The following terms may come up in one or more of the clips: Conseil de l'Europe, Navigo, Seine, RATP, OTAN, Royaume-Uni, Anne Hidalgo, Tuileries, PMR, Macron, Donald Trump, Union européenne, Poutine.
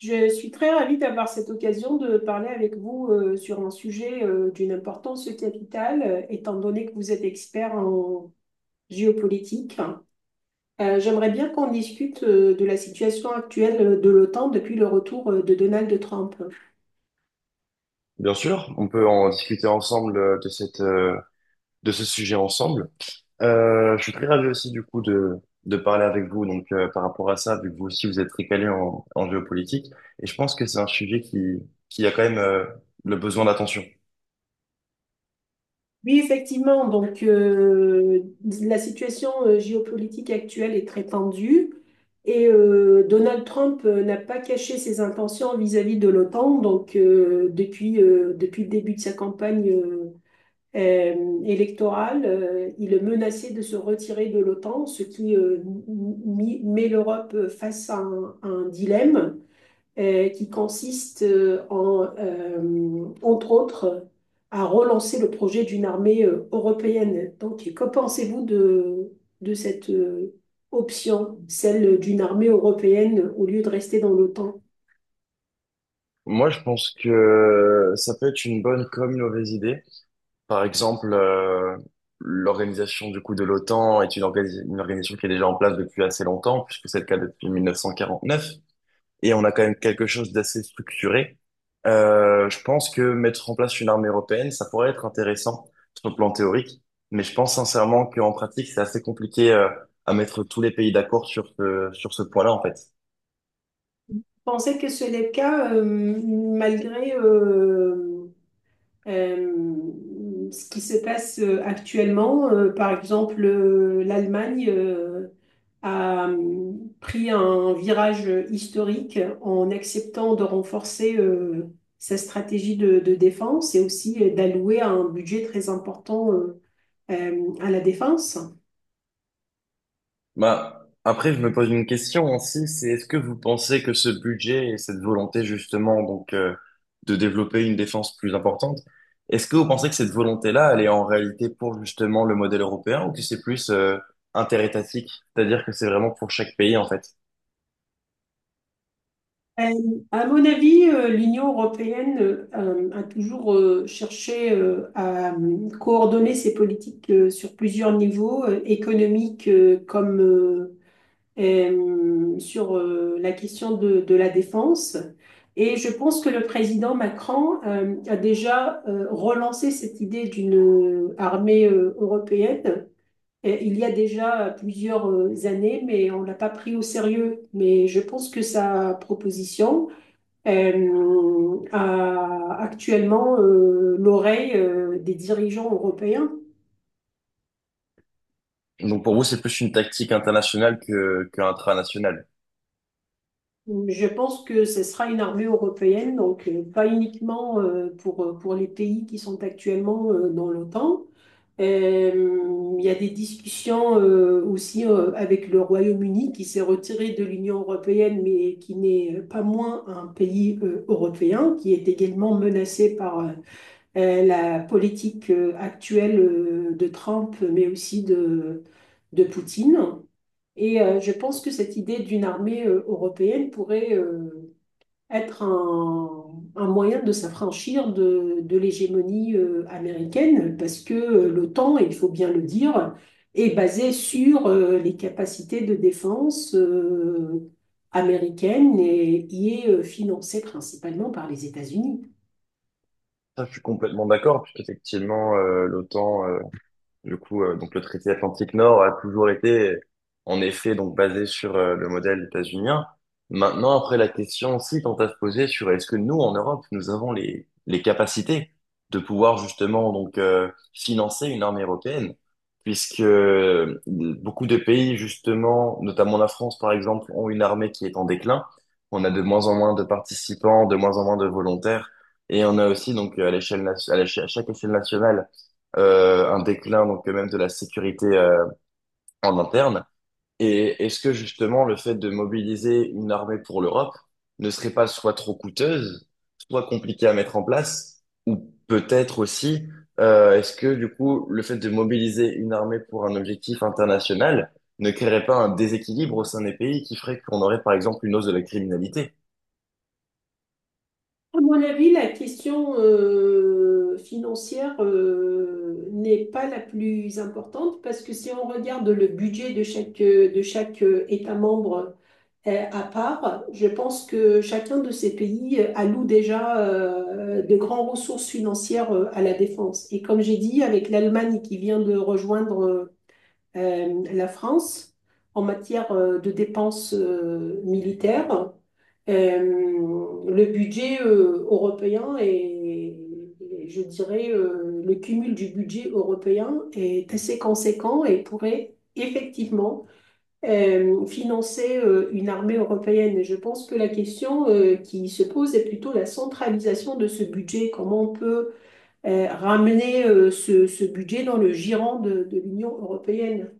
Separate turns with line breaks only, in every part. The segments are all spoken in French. Je suis très ravie d'avoir cette occasion de parler avec vous sur un sujet d'une importance capitale, étant donné que vous êtes expert en géopolitique. J'aimerais bien qu'on discute de la situation actuelle de l'OTAN depuis le retour de Donald Trump.
Bien sûr, on peut en discuter ensemble de de ce sujet ensemble. Je suis très ravi aussi du coup de parler avec vous donc par rapport à ça, vu que vous aussi vous êtes très calé en géopolitique, et je pense que c'est un sujet qui a quand même le besoin d'attention.
Oui, effectivement. Donc, la situation géopolitique actuelle est très tendue et Donald Trump n'a pas caché ses intentions vis-à-vis de l'OTAN. Donc, depuis le début de sa campagne électorale, il menaçait de se retirer de l'OTAN, ce qui met l'Europe face à à un dilemme qui consiste en entre autres, à relancer le projet d'une armée européenne. Donc, que pensez-vous de cette option, celle d'une armée européenne au lieu de rester dans l'OTAN?
Moi, je pense que ça peut être une bonne comme une mauvaise idée. Par exemple, l'organisation du coup de l'OTAN est une organisation qui est déjà en place depuis assez longtemps, puisque c'est le cas depuis 1949. Et on a quand même quelque chose d'assez structuré. Je pense que mettre en place une armée européenne, ça pourrait être intéressant sur le plan théorique, mais je pense sincèrement qu'en pratique, c'est assez compliqué à mettre tous les pays d'accord sur sur ce point-là, en fait.
Pensez que ce n'est le cas malgré ce qui se passe actuellement, par exemple, l'Allemagne a pris un virage historique en acceptant de renforcer sa stratégie de défense et aussi d'allouer un budget très important à la défense.
Bah, après, je me pose une question aussi, c'est est-ce que vous pensez que ce budget et cette volonté justement donc de développer une défense plus importante, est-ce que vous pensez que cette volonté-là, elle est en réalité pour justement le modèle européen ou que c'est plus interétatique, c'est-à-dire que c'est vraiment pour chaque pays en fait?
Euh, À mon avis, l'Union européenne a toujours cherché à coordonner ses politiques sur plusieurs niveaux, économiques comme sur la question de la défense. Et je pense que le président Macron a déjà relancé cette idée d'une armée européenne. Et il y a déjà plusieurs années, mais on ne l'a pas pris au sérieux. Mais je pense que sa proposition, a actuellement l'oreille des dirigeants européens.
Donc pour vous, c'est plus une tactique internationale que intranationale.
Je pense que ce sera une armée européenne, donc pas uniquement pour les pays qui sont actuellement dans l'OTAN. Il y a des discussions aussi avec le Royaume-Uni qui s'est retiré de l'Union européenne, mais qui n'est pas moins un pays européen, qui est également menacé par la politique actuelle de Trump, mais aussi de Poutine. Et je pense que cette idée d'une armée européenne pourrait être un moyen de s'affranchir de l'hégémonie américaine, parce que l'OTAN, et il faut bien le dire, est basée sur les capacités de défense américaines et y est financée principalement par les États-Unis.
Ça, je suis complètement d'accord, puisqu'effectivement, l'OTAN du coup, donc le traité atlantique Nord a toujours en effet, donc basé sur le modèle états-unien. Maintenant, après, la question aussi tente à se poser sur est-ce que nous, en Europe, nous avons les capacités de pouvoir justement donc financer une armée européenne, puisque beaucoup de pays, justement, notamment la France, par exemple, ont une armée qui est en déclin. On a de moins en moins de participants, de moins en moins de volontaires, et on a aussi donc à l'échelle, nation- à l'éche- à chaque échelle nationale un déclin donc même de la sécurité en interne. Et est-ce que justement le fait de mobiliser une armée pour l'Europe ne serait pas soit trop coûteuse, soit compliquée à mettre en place, ou peut-être aussi est-ce que du coup le fait de mobiliser une armée pour un objectif international ne créerait pas un déséquilibre au sein des pays qui ferait qu'on aurait par exemple une hausse de la criminalité?
À mon avis, la question financière n'est pas la plus importante parce que si on regarde le budget de de chaque État membre à part, je pense que chacun de ces pays alloue déjà de grandes ressources financières à la défense. Et comme j'ai dit, avec l'Allemagne qui vient de rejoindre la France en matière de dépenses militaires, euh, le budget européen et je dirais, le cumul du budget européen est assez conséquent et pourrait effectivement financer une armée européenne. Et je pense que la question qui se pose est plutôt la centralisation de ce budget, comment on peut ramener ce budget dans le giron de l'Union européenne.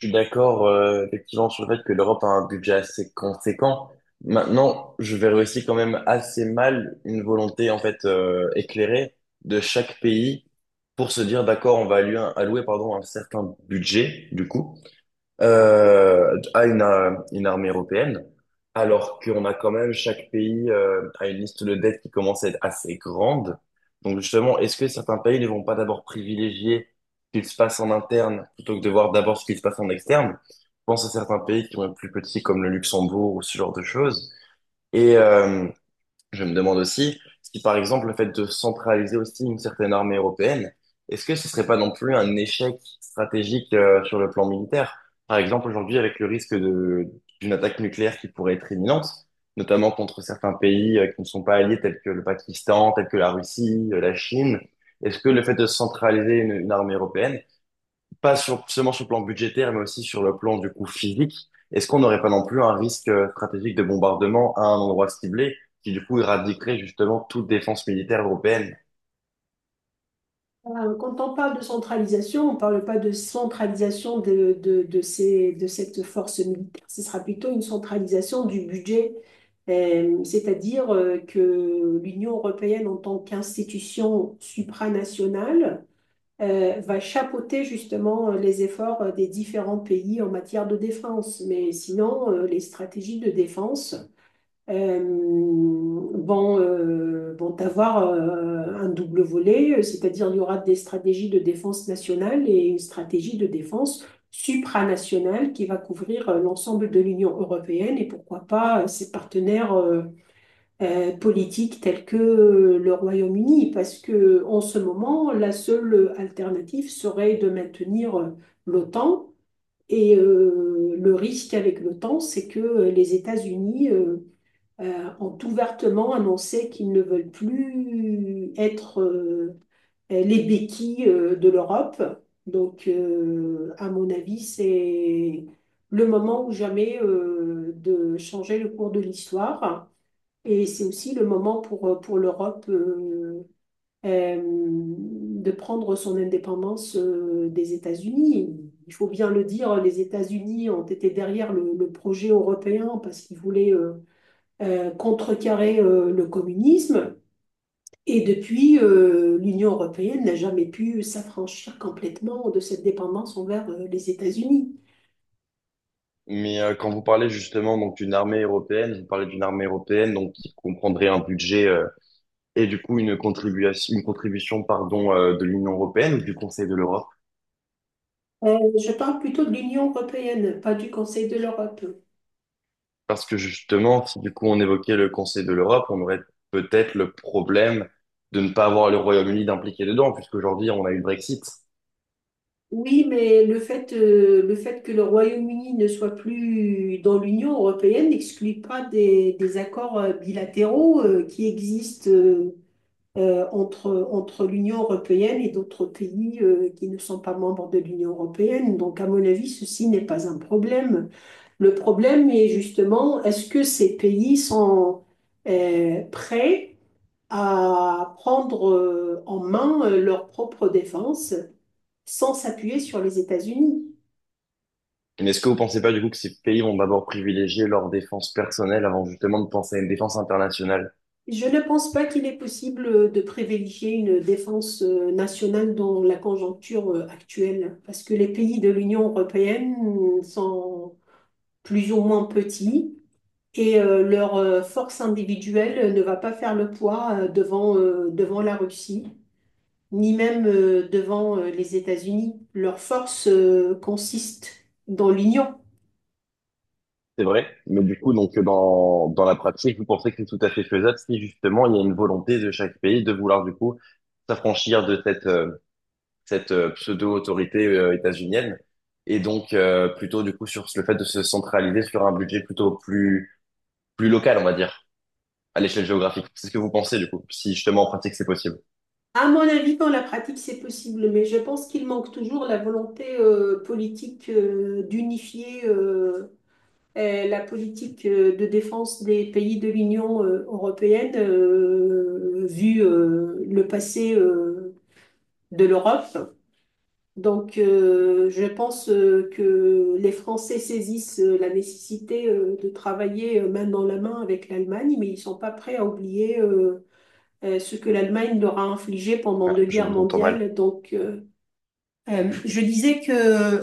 Je suis d'accord, effectivement, sur le fait que l'Europe a un budget assez conséquent. Maintenant, je verrais aussi quand même assez mal une volonté, en fait, éclairée de chaque pays pour se dire, d'accord, on va allouer, pardon, un certain budget, du coup à une armée européenne, alors qu'on a quand même chaque pays a une liste de dettes qui commence à être assez grande. Donc justement, est-ce que certains pays ne vont pas d'abord privilégier ce qu'il se passe en interne plutôt que de voir d'abord ce qui se passe en externe? Je pense à certains pays qui sont plus petits comme le Luxembourg ou ce genre de choses. Et, euh, je me demande aussi si, par exemple, le fait de centraliser aussi une certaine armée européenne, est-ce que ce serait pas non plus un échec stratégique sur le plan militaire? Par exemple, aujourd'hui, avec le risque d'une attaque nucléaire qui pourrait être imminente, notamment contre certains pays qui ne sont pas alliés, tels que le Pakistan, tels que la Russie, la Chine, est-ce que le fait de centraliser une armée européenne, pas sur, seulement sur le plan budgétaire, mais aussi sur le plan du coût physique. Est-ce qu'on n'aurait pas non plus un risque stratégique de bombardement à un endroit ciblé qui du coup éradiquerait justement toute défense militaire européenne?
Quand on parle de centralisation, on ne parle pas de centralisation de cette force militaire, ce sera plutôt une centralisation du budget. C'est-à-dire que l'Union européenne en tant qu'institution supranationale va chapeauter justement les efforts des différents pays en matière de défense. Mais sinon, les stratégies de défense euh, vont avoir un double volet, c'est-à-dire il y aura des stratégies de défense nationale et une stratégie de défense supranationale qui va couvrir l'ensemble de l'Union européenne et pourquoi pas ses partenaires politiques tels que le Royaume-Uni, parce que en ce moment, la seule alternative serait de maintenir l'OTAN. Et le risque avec l'OTAN, c'est que les États-Unis ont ouvertement annoncé qu'ils ne veulent plus être les béquilles de l'Europe. Donc, à mon avis, c'est le moment ou jamais de changer le cours de l'histoire. Et c'est aussi le moment pour l'Europe de prendre son indépendance des États-Unis. Il faut bien le dire, les États-Unis ont été derrière le projet européen parce qu'ils voulaient contrecarrer le communisme. Et depuis, l'Union européenne n'a jamais pu s'affranchir complètement de cette dépendance envers les États-Unis.
Mais quand vous parlez justement donc d'une armée européenne, vous parlez d'une armée européenne donc qui comprendrait un budget et du coup une contribution pardon de l'Union européenne ou du Conseil de l'Europe.
Euh, je parle plutôt de l'Union européenne, pas du Conseil de l'Europe.
Parce que justement, si du coup on évoquait le Conseil de l'Europe, on aurait peut-être le problème de ne pas avoir le Royaume-Uni d'impliquer dedans, puisqu'aujourd'hui on a eu le Brexit.
Oui, mais le fait que le Royaume-Uni ne soit plus dans l'Union européenne n'exclut pas des accords bilatéraux qui existent entre l'Union européenne et d'autres pays qui ne sont pas membres de l'Union européenne. Donc, à mon avis, ceci n'est pas un problème. Le problème est justement, est-ce que ces pays sont prêts à prendre en main leur propre défense sans s'appuyer sur les États-Unis?
Mais est-ce que vous pensez pas du coup que ces pays vont d'abord privilégier leur défense personnelle avant justement de penser à une défense internationale?
Je ne pense pas qu'il est possible de privilégier une défense nationale dans la conjoncture actuelle, parce que les pays de l'Union européenne sont plus ou moins petits, et leur force individuelle ne va pas faire le poids devant la Russie, ni même devant les États-Unis. Leur force consiste dans l'union.
C'est vrai, mais du coup, donc dans la pratique, vous pensez que c'est tout à fait faisable si justement il y a une volonté de chaque pays de vouloir du coup s'affranchir de cette pseudo-autorité états-unienne et donc plutôt du coup sur le fait de se centraliser sur un budget plus local, on va dire, à l'échelle géographique. C'est ce que vous pensez du coup, si justement en pratique c'est possible.
À mon avis, dans la pratique, c'est possible, mais je pense qu'il manque toujours la volonté politique d'unifier la politique de défense des pays de l'Union européenne, vu le passé de l'Europe. Donc, je pense que les Français saisissent la nécessité de travailler main dans la main avec l'Allemagne, mais ils sont pas prêts à oublier ce que l'Allemagne leur a infligé pendant
Ah,
deux
je
guerres
vous entends mal.
mondiales. Donc, je disais que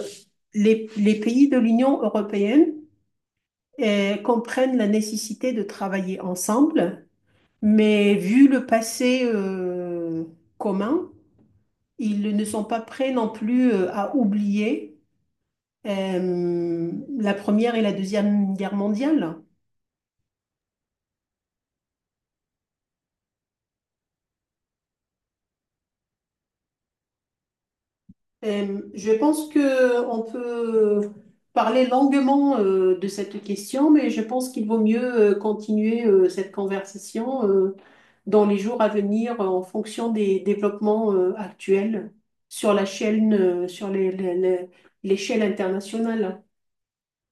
les pays de l'Union européenne comprennent la nécessité de travailler ensemble, mais vu le passé commun, ils ne sont pas prêts non plus à oublier euh, la Première et la Deuxième Guerre mondiale. Je pense que on peut parler longuement de cette question, mais je pense qu'il vaut mieux continuer cette conversation dans les jours à venir en fonction des développements actuels sur la chaîne, sur les- l'échelle internationale.